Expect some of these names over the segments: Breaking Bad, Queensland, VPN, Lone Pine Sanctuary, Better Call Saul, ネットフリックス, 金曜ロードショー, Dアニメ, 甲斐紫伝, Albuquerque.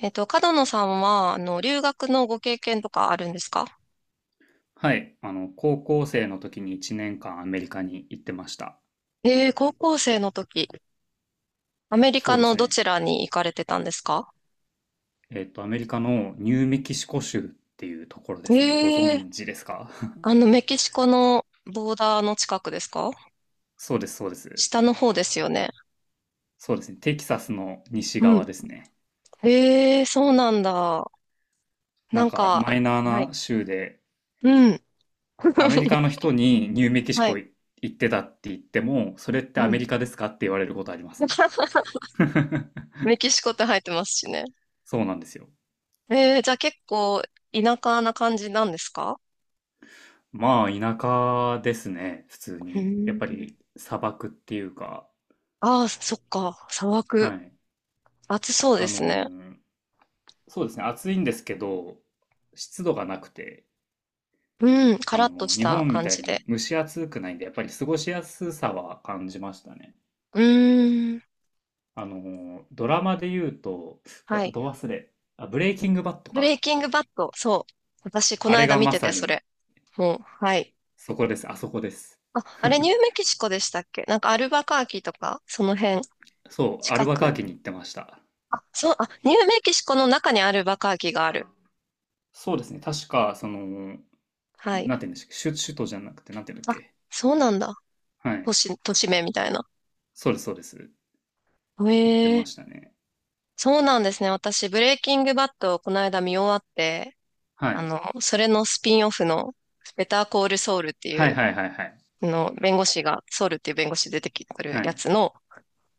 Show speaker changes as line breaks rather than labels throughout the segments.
角野さんは、留学のご経験とかあるんですか？
はい。高校生の時に1年間アメリカに行ってました。
ええ、高校生の時、アメリ
そ
カ
うです
のど
ね。
ちらに行かれてたんですか？
アメリカのニューメキシコ州っていうところですね。ご
ええ、
存知ですか？
メキシコのボーダーの近くですか？
そうです、そうです。
下の方ですよね。
そうですね。テキサスの西
う
側
ん。
ですね。
ええ、そうなんだ。な
なん
ん
か、マ
か、
イナー
はい。
な州で、
うん。
アメリカの 人にニューメキシ
は
コ
い。
行ってたって言っても、それって
う
ア
ん。
メリカですかって言われることありますね。
メキシコって入ってますしね。
そうなんですよ。
ええ、じゃあ結構田舎な感じなんですか？
まあ、田舎ですね。普通
う
に。やっぱ
ん。
り、砂漠っていうか、
ああ、そっか。砂漠。
はい。
暑そうで
あの
すね。
ーそうですね、暑いんですけど、湿度がなくて、
うん、カラッとし
日
た
本み
感
た
じ
いに
で。
蒸し暑くないんで、やっぱり過ごしやすさは感じましたね。
うーん、
ドラマで言うと、う
は
わ、
い。
ど忘れ、あ、ブレイキングバッド
ブレイ
か。
キングバッド、そう。私、こ
あ
の
れ
間
が
見
ま
てて、
さ
そ
に、
れ。もう、はい。
そこです、あそこです。
あ、あれ、ニューメキシコでしたっけ？なんか、アルバカーキとか、その辺、
そう、ア
近
ルバカー
く。
キに行ってました。
あ、そう、あ、ニューメキシコの中にアルバカーキがある。
そうですね、確か、
はい。
なんて言うんでしたっけ、首都じゃなくて、なんて言うんだっ
あ、
け。
そうなんだ。
は
都
い。
市、都市名みたいな。
そうです、そうです。
へ
行ってま
え、
したね。
そうなんですね。私、ブレイキングバッドをこの間見終わって、
はい。
それのスピンオフの、ベターコールソウルってい
はい
う
はいはいはい。
の、弁護士が、ソウルっていう弁護士出てくる
は
や
い。
つの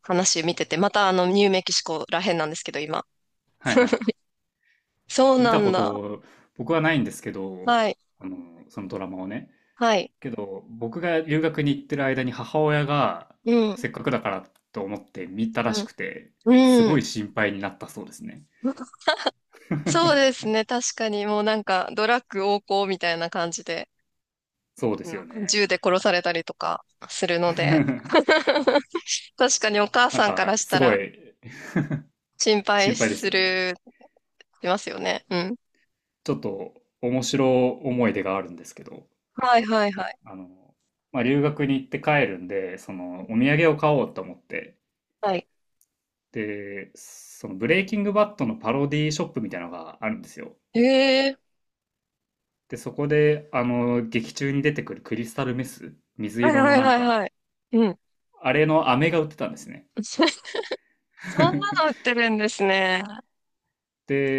話見てて、またニューメキシコらへんなんですけど、今。
はいはい。
そう
見
な
た
ん
こ
だ。
と僕はないんですけど、
はい。
あの、そのドラマをね。
はい。
けど、僕が留学に行ってる間に母親が
うん。
せっかくだからと思って見たら
う
し
ん。
くて、す
う
ご
ん。
い心配になったそうですね。
そうです ね。確かに、もうなんか、ドラッグ横行みたいな感じで、
そうですよ
う
ね。
銃で殺されたりとかするので、確かにお母
なん
さんから
か、
し
す
た
ご
ら
い
心配
心配です
す
よね。
る、しますよね。うん。
ちょっと面白い思い出があるんですけど、
はいはいはい。
あの、まあ、留学に行って帰るんで、お土産を買おうと思って、
はい。
で、そのブレイキングバッドのパロディーショップみたいなのがあるんですよ。
へえ。
で、そこで、劇中に出てくるクリスタルメス、水
はい
色の
はい
なん
はい
か、
はい。うん。
あれの飴が売ってたんですね。
そんなの売っ てるんですね。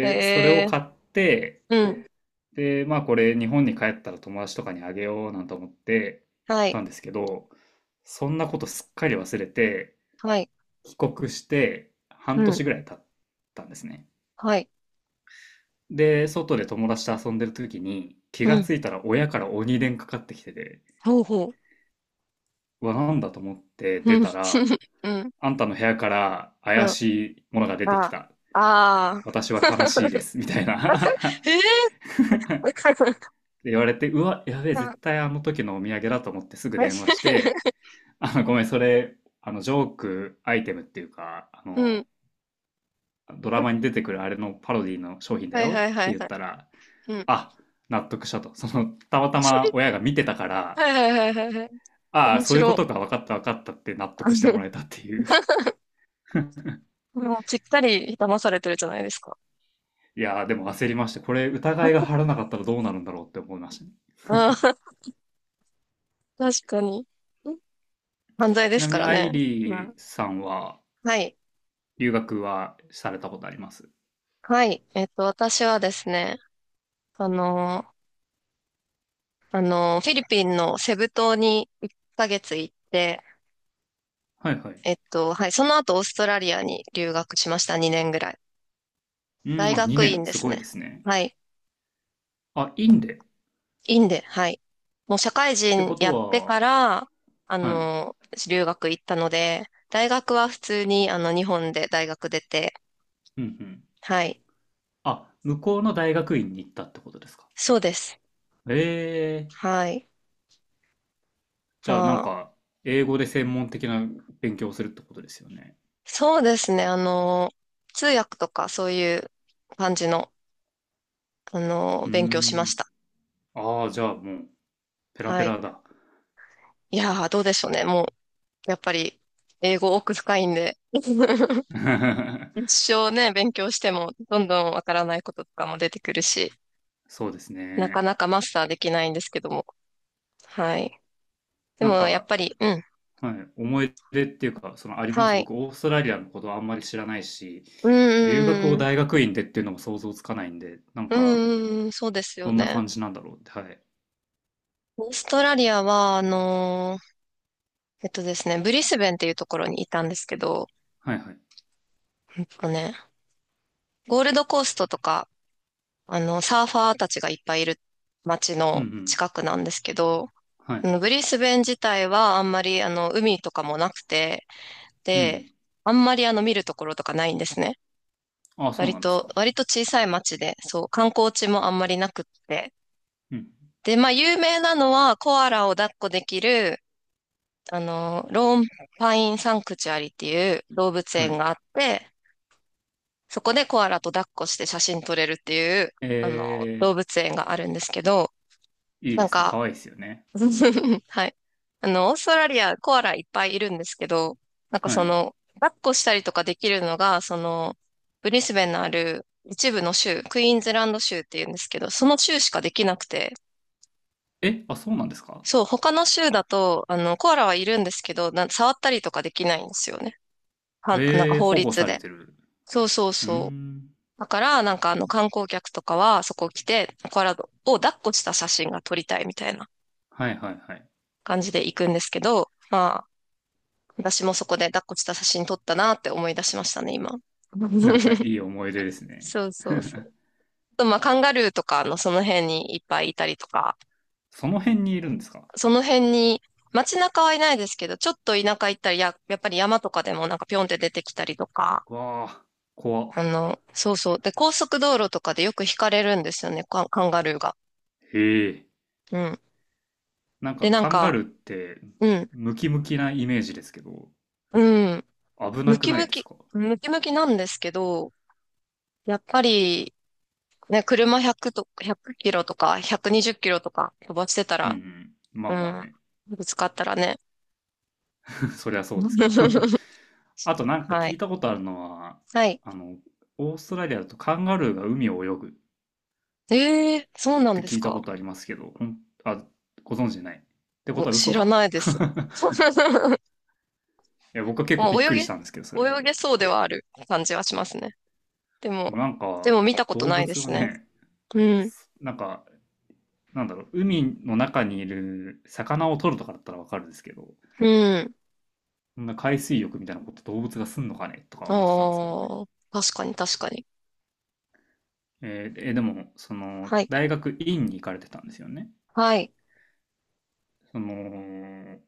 へ
それを
え。
買って、
うん。
で、まあこれ日本に帰ったら友達とかにあげようなんて思って
は
た
い。
んですけど、そんなことすっかり忘れて、
はい。
帰国して
う
半
ん。
年ぐらい経ったんですね。
はい。
で、外で友達と遊んでる時に、気
う
が
ん。
ついたら親から鬼電かかってきてて、
ほうほう。
うわ、なんだと思って
う
出
ん。
たら、
うん。
あんたの部屋から
う
怪
ん。
しいものが出て
あ
き
あ。
た。
ああ。
私は悲しいです。みたいな
ええ、わ かる。
で言われて、うわ、やべえ、
うん。
絶対あの時のお土産だと思ってすぐ電話し て、ごめん、それ、ジョークアイテムっていうか、
うん。
ドラマに出てくるあれのパロディの商品だ
はいは
よ
い
っ
は
て
い
言っ
はい。
たら、
うん。
あ、納得したと。たまたま親 が見てたから、
はいはいはいはいはい。
ああ、
面
そういうこ
白。
とか、分かった分かったって納得しても らえたっていう。
もうぴったり騙されてるじゃないですか。
いやー、でも焦りました。これ疑いが晴らなかったらどうなるんだろうって思いましたね。
ああ、確かに。ん犯罪で
ち
す
なみ
か
に
ら
アイ
ね。う
リ
ん。
ーさんは
はい。
留学はされたことあります？
はい。私はですね、その、フィリピンのセブ島に1ヶ月行って、
はいはい。
はい、その後オーストラリアに留学しました、2年ぐらい。
うん、
大
あ、
学
2
院
年、
で
す
す
ごい
ね。
ですね。
はい、
あ、インデっ
院で、はい。もう社会
て
人
こ
や
と
って
は、
から、あ
はい。
の、留学行ったので、大学は普通に、日本で大学出て、
うんうん。
はい、
あ、向こうの大学院に行ったってことですか？
そうです。
ええ、
はい。ま
じゃあなん
あ、
か、英語で専門的な勉強をするってことですよね。
そうですね、通訳とかそういう感じの、
うー
勉強しまし
ん。
た。
ああ、じゃあもう、ペラ
は
ペ
い。
ラだ。
いやー、どうでしょうね。もう、やっぱり、英語奥深いんで。一 生ね、勉強しても、どんどんわからないこととかも出てくるし、
そうです
なか
ね。
なかマスターできないんですけども。はい。で
なん
も、やっ
か、
ぱり、うん。
はい、思い出っていうか、あります。
はい。
僕、オーストラリアのことあんまり知らないし、
う
留学
ん、
を
うん、
大学院でっていうのも想像つかないんで、なん
う
か、
ん、うん、そうですよ
どんな
ね。
感じなんだろうって。はい。
オーストラリアは、あのーえっとですね、ブリスベンっていうところにいたんですけど、
はいはい。
えっとね、ゴールドコーストとか、サーファーたちがいっぱいいる街
うんう
の
ん。
近くなんですけど、
はい。
ブリスベン自体はあんまり海とかもなくて、
うんう
で、
ん。
あんまり見るところとかないんですね。
ああ、そう
割
なんですか。
と、割と小さい町で、そう、観光地もあんまりなくって。
うん。
で、まあ有名なのはコアラを抱っこできる、ローンパインサンクチュアリっていう動物
は
園
い。
があって、そこでコアラと抱っこして写真撮れるっていう、
え
あの、動物園があるんですけど、
ー、いい
な
で
ん
すね。
か、
可愛いですよね。
はい。オーストラリア、コアラいっぱいいるんですけど、なんか
はい。
抱っこしたりとかできるのが、ブリスベンのある一部の州、クイーンズランド州っていうんですけど、その州しかできなくて、
え、あ、そうなんですか。
そう、他の州だと、コアラはいるんですけど、触ったりとかできないんですよね。は、なんか
えー、
法
保護
律
され
で。
てる。
そうそう
うー
そう。
ん。
だから、なんか観光客とかは、そこ来て、コアラを抱っこした写真が撮りたいみたいな
はいはいはい。
感じで行くんですけど、まあ、私もそこで抱っこした写真撮ったなって思い出しましたね、今。
はい、 いい思い出ですね。
そうそうそう。あとまあ、カンガルーとかのその辺にいっぱいいたりとか、
その辺にいるんですか？
その辺に、街中はいないですけど、ちょっと田舎行ったりやっぱり山とかでもなんかピョンって出てきたりとか、
うわあ、怖っ。
そうそう。で、高速道路とかでよく引かれるんですよね、カンガルーが。
へえ。
うん。
なんか
で、なん
カンガ
か、
ルーって
うん、
ムキムキなイメージですけど、
うん、
危な
ム
く
キ
ない
ム
です
キ、
か？
ムキムキなんですけど、やっぱり、ね、車100と、1キロとか、120キロとか飛ばしてた
うんう
ら、
ん。ま
う
あまあ
ん、
ね。
ぶつかったらね。
そりゃそうですけど。あとなんか
は
聞い
い。
たことあるのは、
はい。
あの、オーストラリアだとカンガルーが海を泳ぐっ
ええ、そうなん
て
で
聞
す
いた
か？
ことありますけど、あ、ご存知ない。ってこ
ご
とは
知
嘘
ら
か。
ないで す。
いや、僕は結構
も
び
う
っ
泳
く
げ、
りしたんですけど、それで。
泳
で
げそうではある感じはしますね。で
も
も、
なん
で
か、
も見たこと
動
ないで
物は
すね。
ね、
うん。
なんかなんだろう、海の中にいる魚を取るとかだったらわかるんですけど、
うん。
そんな海水浴みたいなこと動物がすんのかねとか思ってたんですけどね。
ああ、確かに確かに。
でも、
はい。
大学院に行かれてたんですよね。
はい。
その、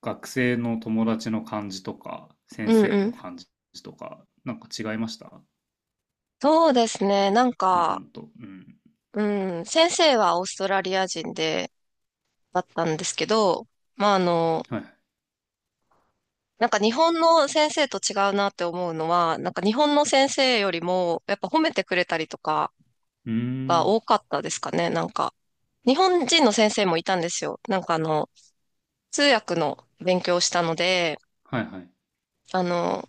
学生の友達の感じとか、
う
先
ん
生
うん。
の感じとか、なんか違いました？
そうですね。なん
日
か、
本と。うん。
うん、先生はオーストラリア人で、だったんですけど、まあ、
はい。
なんか日本の先生と違うなって思うのは、なんか日本の先生よりも、やっぱ褒めてくれたりとか
うー
が多
ん。
かったですかね、なんか。日本人の先生もいたんですよ。なんか通訳の勉強をしたので、
はいはい。
あの、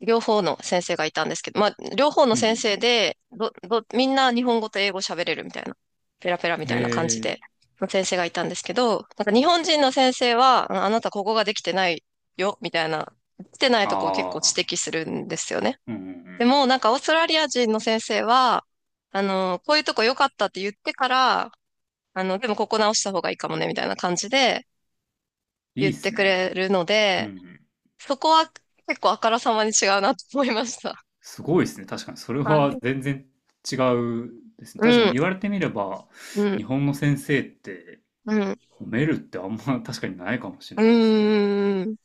両方の先生がいたんですけど、まあ、両方の
うんう
先
ん
生で、みんな日本語と英語喋れるみたいな、ペラペラみ
うん。
たいな感じ
え
で、
ー。
の先生がいたんですけど、なんか日本人の先生は、ああなたここができてないよ、みたいな、できてないとこを結構
あ
指
あ。
摘するんですよね。
うんうんう
で
ん。
も、なんかオーストラリア人の先生は、こういうとこ良かったって言ってから、でもここ直した方がいいかもね、みたいな感じで
い
言
い
っ
っす
てく
ね。
れるの
うんう
で、
ん。
そこは結構あからさまに違うなと思いました。
すごいですね。確かに。それ
は
は
い。
全然違うですね。確か
う
に
ん、
言われてみれば、
うん、
日本の先生って
うん、
褒めるってあんま 確かにないかもしれ
う
ないですね。
ーん、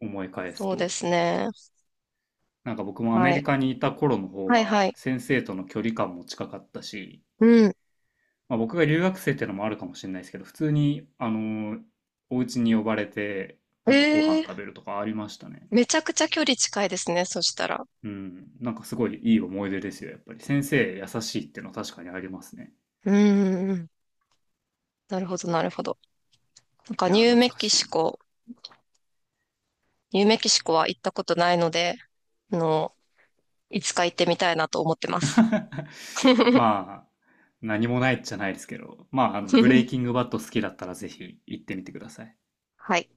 思い返す
そうで
と。
すね。
なんか僕もアメ
は
リ
い。
カにいた頃の方
はい、
が
はい。
先生との距離感も近かったし、
うん。
まあ、僕が留学生ってのもあるかもしれないですけど、普通に、お家に呼ばれて、なんかご飯
え
食べ
え、
るとかありましたね。
めちゃくちゃ距離近いですね、そしたら。
うん。なんかすごいいい思い出ですよ、やっぱり。先生優しいってのは確かにありますね。
うーん、なるほど、なるほど。なんか、
い
ニ
や
ュー
懐
メ
か
キ
し
シ
い。
コ、ニューメキシコは行ったことないので、あの、いつか行ってみたいなと思ってます。
まあ、何もないじゃないですけど、まあ、ブレイキングバッド好きだったらぜひ行ってみてください。
はい。